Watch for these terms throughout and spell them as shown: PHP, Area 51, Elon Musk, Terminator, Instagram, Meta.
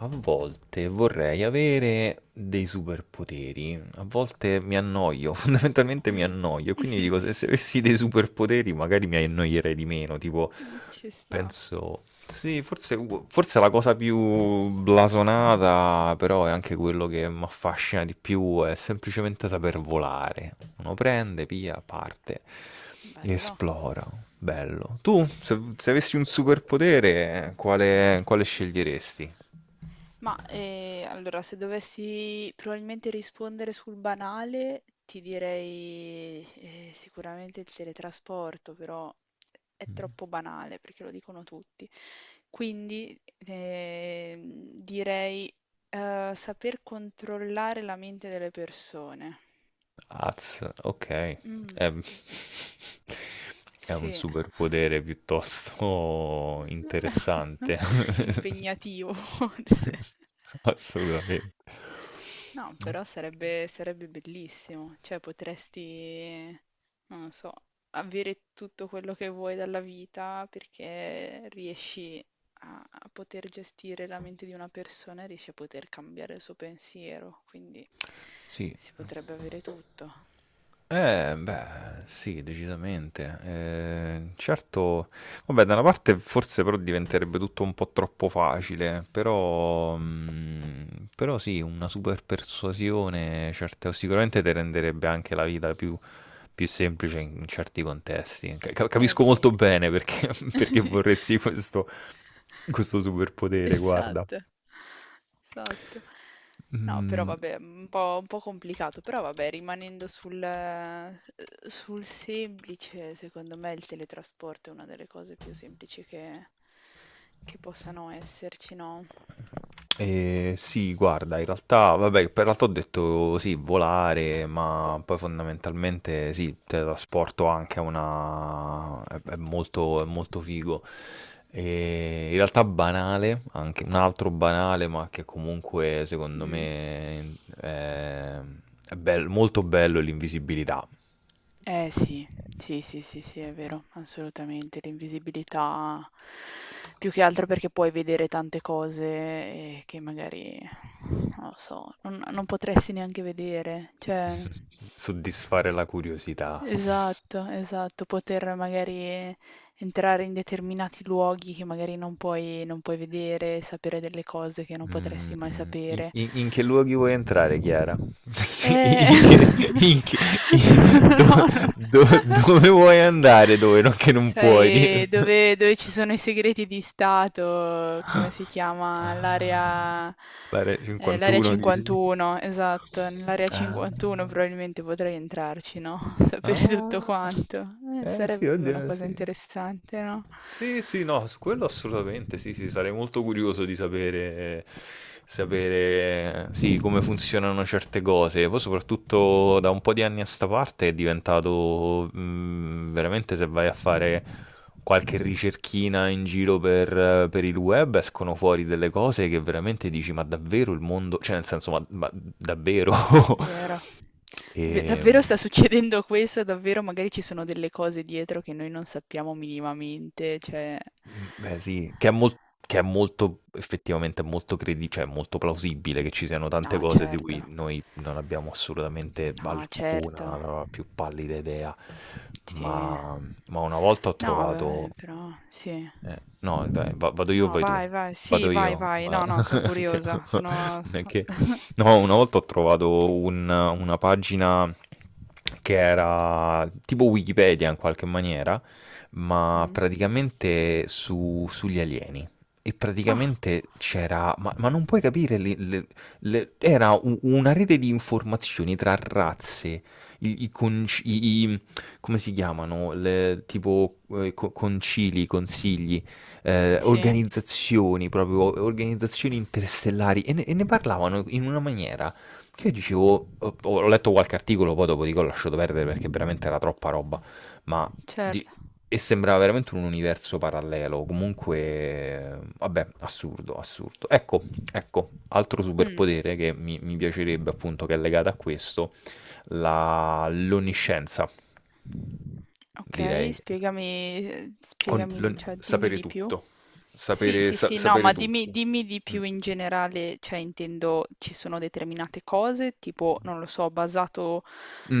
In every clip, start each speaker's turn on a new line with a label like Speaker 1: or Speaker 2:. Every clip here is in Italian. Speaker 1: A volte vorrei avere dei superpoteri, a volte mi annoio, fondamentalmente mi
Speaker 2: Mm.
Speaker 1: annoio, e quindi dico se avessi dei superpoteri magari mi annoierei di meno, tipo
Speaker 2: Ci sta,
Speaker 1: penso... Sì, forse, forse la cosa più blasonata, però è anche quello che mi affascina di più, è semplicemente saper volare. Uno prende, via, parte,
Speaker 2: bello.
Speaker 1: esplora, bello. Tu, se avessi un superpotere, quale sceglieresti?
Speaker 2: Ma allora, se dovessi probabilmente rispondere sul banale, ti direi sicuramente il teletrasporto, però è troppo banale perché lo dicono tutti. Quindi direi saper controllare la mente delle persone.
Speaker 1: Az, ok.
Speaker 2: Mm,
Speaker 1: Ehm, È un
Speaker 2: sì,
Speaker 1: superpotere piuttosto interessante.
Speaker 2: impegnativo forse.
Speaker 1: Assolutamente.
Speaker 2: No, però sarebbe bellissimo, cioè potresti, non lo so, avere tutto quello che vuoi dalla vita perché riesci a poter gestire la mente di una persona e riesci a poter cambiare il suo pensiero, quindi
Speaker 1: Sì.
Speaker 2: si potrebbe avere tutto.
Speaker 1: Beh, sì, decisamente. Certo, vabbè, da una parte forse però diventerebbe tutto un po' troppo facile, però, però sì, una super persuasione, certo, sicuramente ti renderebbe anche la vita più semplice in certi contesti.
Speaker 2: Eh
Speaker 1: Capisco molto
Speaker 2: sì.
Speaker 1: bene perché, perché vorresti questo, questo superpotere, guarda.
Speaker 2: Esatto, esatto. No, però
Speaker 1: Mm,
Speaker 2: vabbè, un po' complicato, però vabbè, rimanendo sul semplice, secondo me il teletrasporto è una delle cose più semplici che possano esserci, no?
Speaker 1: eh, sì, guarda, in realtà, vabbè, per l'altro ho detto sì, volare, ma poi fondamentalmente sì, teletrasporto anche a una... è molto figo. E in realtà banale, anche un altro banale, ma che comunque secondo
Speaker 2: Mm.
Speaker 1: me è molto bello è l'invisibilità,
Speaker 2: Eh sì, sì, sì, sì, sì, è vero, assolutamente. L'invisibilità più che altro perché puoi vedere tante cose che magari, non lo so, non potresti neanche vedere. Cioè,
Speaker 1: soddisfare la curiosità.
Speaker 2: esatto, esatto, poter magari entrare in determinati luoghi che magari non puoi vedere, sapere delle cose che non potresti mai
Speaker 1: Mhmm, in
Speaker 2: sapere.
Speaker 1: in in che luoghi vuoi entrare, Chiara? In che
Speaker 2: Eh,
Speaker 1: in che i dove
Speaker 2: no, no.
Speaker 1: do dove vuoi andare, dove non che non puoi di
Speaker 2: Sai dove, dove ci sono i segreti di Stato, come si chiama?
Speaker 1: Ah.
Speaker 2: L'area
Speaker 1: L'area
Speaker 2: eh, l'area
Speaker 1: 51 dici?
Speaker 2: 51, esatto, nell'area
Speaker 1: Ah.
Speaker 2: 51 probabilmente potrei entrarci, no? Sapere tutto
Speaker 1: Ah.
Speaker 2: quanto.
Speaker 1: Eh sì,
Speaker 2: Sarebbe una
Speaker 1: oddio,
Speaker 2: cosa
Speaker 1: sì.
Speaker 2: interessante, no?
Speaker 1: Sì, sì, no, su quello assolutamente sì, sì, sarei molto curioso di sapere, sapere, sì, come funzionano certe cose. Poi soprattutto da un po' di anni a sta parte è diventato, veramente se vai a fare qualche ricerchina in giro per il web escono fuori delle cose che veramente dici, ma davvero il mondo, cioè nel senso, ma davvero?
Speaker 2: Vero. Ve
Speaker 1: E,
Speaker 2: davvero sta succedendo questo, davvero magari ci sono delle cose dietro che noi non sappiamo minimamente, cioè...
Speaker 1: Beh sì, che è molto effettivamente è molto credi cioè è molto plausibile che ci siano tante
Speaker 2: No,
Speaker 1: cose di cui
Speaker 2: certo.
Speaker 1: noi non abbiamo assolutamente
Speaker 2: No,
Speaker 1: alcuna,
Speaker 2: certo.
Speaker 1: la più pallida idea.
Speaker 2: Sì.
Speaker 1: Ma ma una volta ho
Speaker 2: No,
Speaker 1: trovato
Speaker 2: vabbè, però sì.
Speaker 1: no, vado io o
Speaker 2: No,
Speaker 1: vai tu?
Speaker 2: vai, vai. Sì,
Speaker 1: Vado
Speaker 2: vai,
Speaker 1: io.
Speaker 2: vai. No, no, sono
Speaker 1: Che-
Speaker 2: curiosa. Sono
Speaker 1: che- No, una volta ho trovato una pagina che era tipo Wikipedia in qualche maniera, ma
Speaker 2: Mm.
Speaker 1: praticamente sugli alieni. E
Speaker 2: Ah,
Speaker 1: praticamente c'era, ma non puoi capire, era una rete di informazioni tra razze, i, i, conci- i- come si chiamano? Le, tipo concili, consigli,
Speaker 2: sì.
Speaker 1: organizzazioni, proprio organizzazioni interstellari e ne parlavano in una maniera che io dicevo, ho letto qualche articolo, poi dopo dico ho lasciato perdere perché veramente era troppa roba, ma di-
Speaker 2: Certo.
Speaker 1: e sembrava veramente un universo parallelo, comunque, vabbè, assurdo, assurdo. Ecco, ecco, altro
Speaker 2: Mm.
Speaker 1: superpotere che mi piacerebbe appunto che è legato a questo, l'onniscienza
Speaker 2: Okay,
Speaker 1: direi.
Speaker 2: spiegami ehm, spiegami cioè dimmi
Speaker 1: Sapere
Speaker 2: di più.
Speaker 1: tutto.
Speaker 2: Sì,
Speaker 1: Sapere,
Speaker 2: sì, sì, no,
Speaker 1: sapere
Speaker 2: ma dimmi
Speaker 1: tutto.
Speaker 2: dimmi di
Speaker 1: Mm.
Speaker 2: più in generale, cioè intendo ci sono determinate cose, tipo, non lo so, basato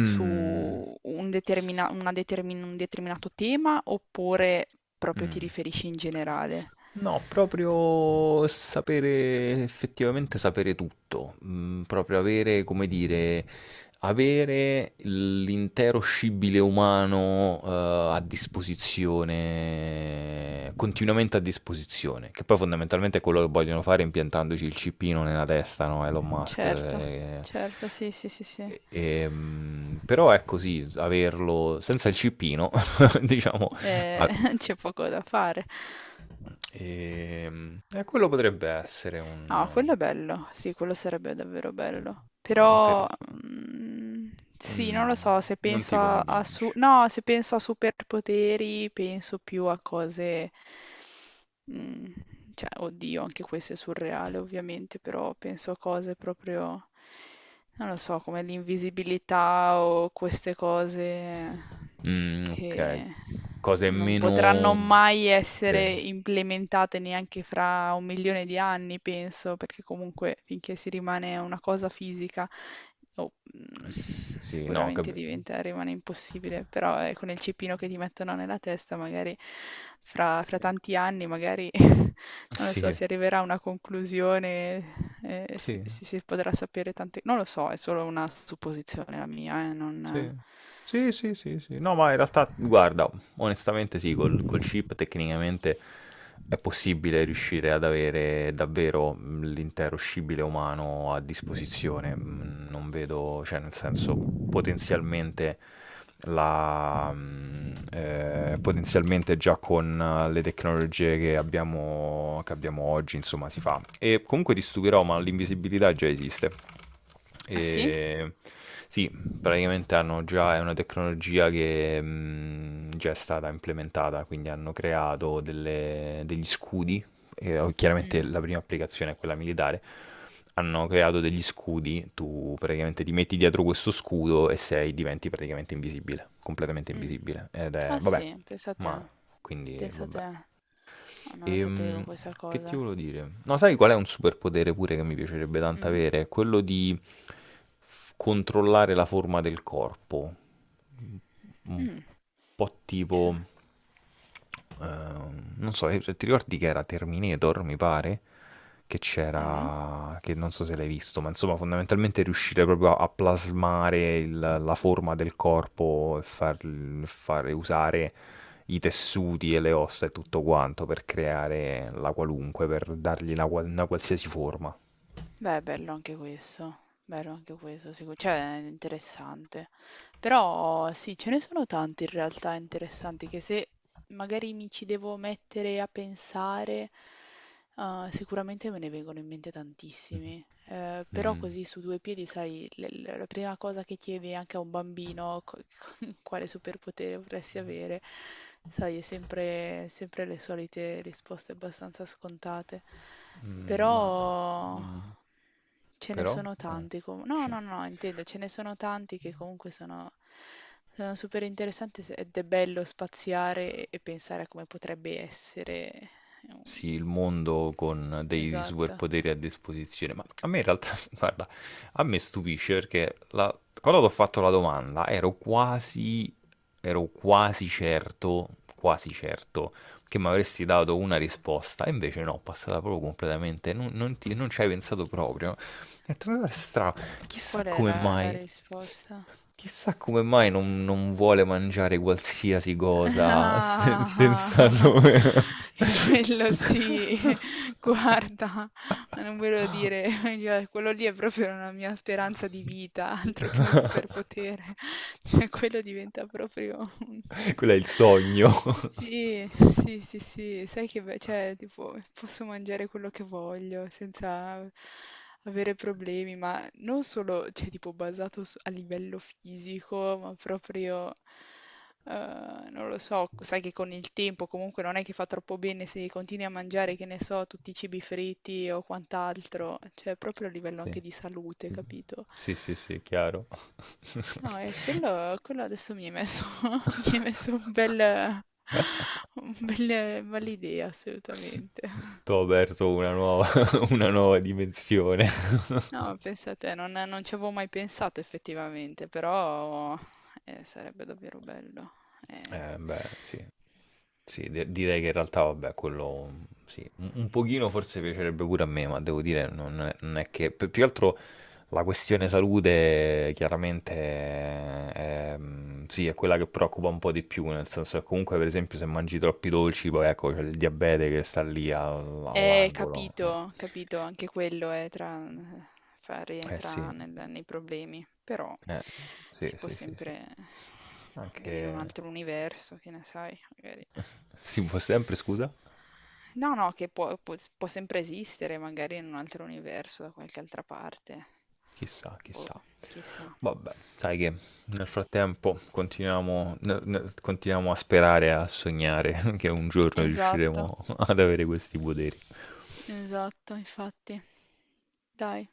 Speaker 2: su un determinato tema, oppure proprio ti
Speaker 1: Mm.
Speaker 2: riferisci in generale?
Speaker 1: No, proprio sapere, effettivamente sapere tutto, mm, proprio avere, come dire, avere l'intero scibile umano, a disposizione, continuamente a disposizione, che poi fondamentalmente è quello che vogliono fare impiantandoci il cippino nella testa, no? Elon Musk,
Speaker 2: Certo, certo, sì, sì, sì, sì.
Speaker 1: Però è così, averlo senza il cippino, diciamo, a-
Speaker 2: C'è poco da fare.
Speaker 1: quello potrebbe essere
Speaker 2: Ah,
Speaker 1: un
Speaker 2: quello è bello, sì, quello sarebbe davvero bello.
Speaker 1: quello
Speaker 2: Però,
Speaker 1: interessante.
Speaker 2: mm, sì, non lo
Speaker 1: Mm,
Speaker 2: so, se
Speaker 1: non ti
Speaker 2: penso a, a
Speaker 1: convince.
Speaker 2: su- no, se penso a superpoteri, penso più a cose, mm, cioè, oddio, anche questo è surreale, ovviamente, però penso a cose proprio, non lo so, come l'invisibilità o queste cose
Speaker 1: Mm, ok,
Speaker 2: che
Speaker 1: cose
Speaker 2: non potranno
Speaker 1: meno...
Speaker 2: mai
Speaker 1: Sì,
Speaker 2: essere implementate neanche fra 1 milione di anni, penso, perché comunque finché si rimane una cosa fisica, oh,
Speaker 1: Sì, sì, no,
Speaker 2: sicuramente diventa, rimane impossibile, però con il cipino che ti mettono nella testa, magari fra,
Speaker 1: sì,
Speaker 2: fra tanti anni, magari non lo so,
Speaker 1: sì,
Speaker 2: si arriverà a una conclusione, si,
Speaker 1: sì.
Speaker 2: si- si potrà sapere tante... Non lo so, è solo una supposizione la mia,
Speaker 1: Sì.
Speaker 2: non...
Speaker 1: Sì, sì, sì, sì. No, ma in realtà, guarda, onestamente sì, col chip tecnicamente è possibile riuscire ad avere davvero l'intero scibile umano a disposizione. Non vedo, cioè, nel senso, potenzialmente potenzialmente già con le tecnologie che abbiamo oggi, insomma, si fa. E comunque ti stupirò, ma l'invisibilità già esiste.
Speaker 2: Ah sì?
Speaker 1: E... Sì, praticamente hanno già, è una tecnologia che già è stata implementata, quindi hanno creato degli scudi, e, oh, chiaramente
Speaker 2: Mm.
Speaker 1: la prima applicazione è quella militare, hanno creato degli scudi, tu praticamente ti metti dietro questo scudo e sei, diventi praticamente invisibile, completamente
Speaker 2: Mm.
Speaker 1: invisibile. Ed è,
Speaker 2: Ah
Speaker 1: vabbè,
Speaker 2: sì,
Speaker 1: ma
Speaker 2: pensate,
Speaker 1: quindi
Speaker 2: pensate,
Speaker 1: vabbè.
Speaker 2: ah, non lo sapevo
Speaker 1: Ehm,
Speaker 2: questa
Speaker 1: che ti
Speaker 2: cosa.
Speaker 1: volevo dire? No, sai qual è un superpotere pure che mi piacerebbe tanto
Speaker 2: Mm,
Speaker 1: avere? Quello di controllare la forma del corpo un
Speaker 2: mm,
Speaker 1: po' tipo...
Speaker 2: cioè,
Speaker 1: non so, ti ricordi che era Terminator, mi pare? Che
Speaker 2: mm.
Speaker 1: c'era... che non so se l'hai visto, ma insomma fondamentalmente riuscire proprio a plasmare la forma del corpo e fare usare i tessuti e le ossa e tutto quanto per creare la qualunque, per dargli una, una qualsiasi forma.
Speaker 2: Beh, bello anche questo, sicuro, cioè è interessante. Però sì, ce ne sono tanti in realtà interessanti che se magari mi ci devo mettere a pensare, sicuramente me ne vengono in mente tantissimi. Però
Speaker 1: Mm.
Speaker 2: così su due piedi, sai, la prima cosa che chiedi anche a un bambino, quale superpotere vorresti avere, sai, è sempre, sempre le solite risposte abbastanza scontate.
Speaker 1: Mm, ma...
Speaker 2: Però
Speaker 1: mm,
Speaker 2: ce ne
Speaker 1: però...
Speaker 2: sono
Speaker 1: eh,
Speaker 2: tanti comu no,
Speaker 1: ci-
Speaker 2: no, no, intendo, ce ne sono tanti che comunque sono super interessanti se ed è bello spaziare e pensare a come potrebbe essere un...
Speaker 1: sì, il mondo con dei
Speaker 2: Esatto.
Speaker 1: superpoteri a disposizione. Ma a me in realtà, guarda, a me stupisce perché quando ho fatto la domanda ero quasi certo che mi avresti dato una risposta, e invece no, passata proprio completamente, non non ci hai pensato proprio. Ho detto, ma guarda, strano, chissà
Speaker 2: Qual è
Speaker 1: come
Speaker 2: la
Speaker 1: mai.
Speaker 2: risposta?
Speaker 1: Chissà come mai non vuole mangiare qualsiasi cosa senza
Speaker 2: Ah,
Speaker 1: nome.
Speaker 2: quello sì, guarda, ma non ve lo dire, cioè, quello lì è proprio una mia speranza di vita, altro che un superpotere, cioè quello diventa proprio...
Speaker 1: Quello è il sogno.
Speaker 2: Sì, sì, sì, sì, sai che, cioè, tipo, posso mangiare quello che voglio senza avere problemi, ma non solo, cioè, tipo, basato a livello fisico, ma proprio... non lo so, sai che con il tempo comunque non è che fa troppo bene se continui a mangiare, che ne so, tutti i cibi fritti o quant'altro, cioè proprio a livello anche di salute, capito?
Speaker 1: Sì, sì, sì, sì, chiaro.
Speaker 2: No, e quello adesso mi è messo, mi è messo un bel, un bel, bell'idea, assolutamente.
Speaker 1: T'ho aperto una nuova, una nuova dimensione.
Speaker 2: No, pensate, non ci avevo mai pensato effettivamente, però sarebbe davvero bello. Eh.
Speaker 1: Beh, sì. Sì, direi che in realtà, vabbè, quello sì, un pochino forse piacerebbe pure a me, ma devo dire, non è che... più che altro la questione salute chiaramente è, mm, sì, è quella che preoccupa un po' di più, nel senso che comunque, per esempio, se mangi troppi dolci, poi ecco, c'è il diabete che sta lì all'angolo.
Speaker 2: Capito, capito, anche quello è tra,
Speaker 1: Eh,
Speaker 2: rientra
Speaker 1: sì,
Speaker 2: nei problemi, però
Speaker 1: eh, sì,
Speaker 2: si può
Speaker 1: sì, sì, sì.
Speaker 2: sempre, magari in un
Speaker 1: Anche...
Speaker 2: altro universo, che ne sai, magari.
Speaker 1: Si può sempre, scusa?
Speaker 2: No, no, che può, può sempre esistere, magari in un altro universo, da qualche altra parte.
Speaker 1: Chissà,
Speaker 2: Boh,
Speaker 1: chissà.
Speaker 2: chissà.
Speaker 1: Vabbè, sai che nel frattempo continuiamo, continuiamo a sperare, e a sognare che un giorno
Speaker 2: Esatto,
Speaker 1: riusciremo ad avere questi poteri.
Speaker 2: esatto, infatti. Dai.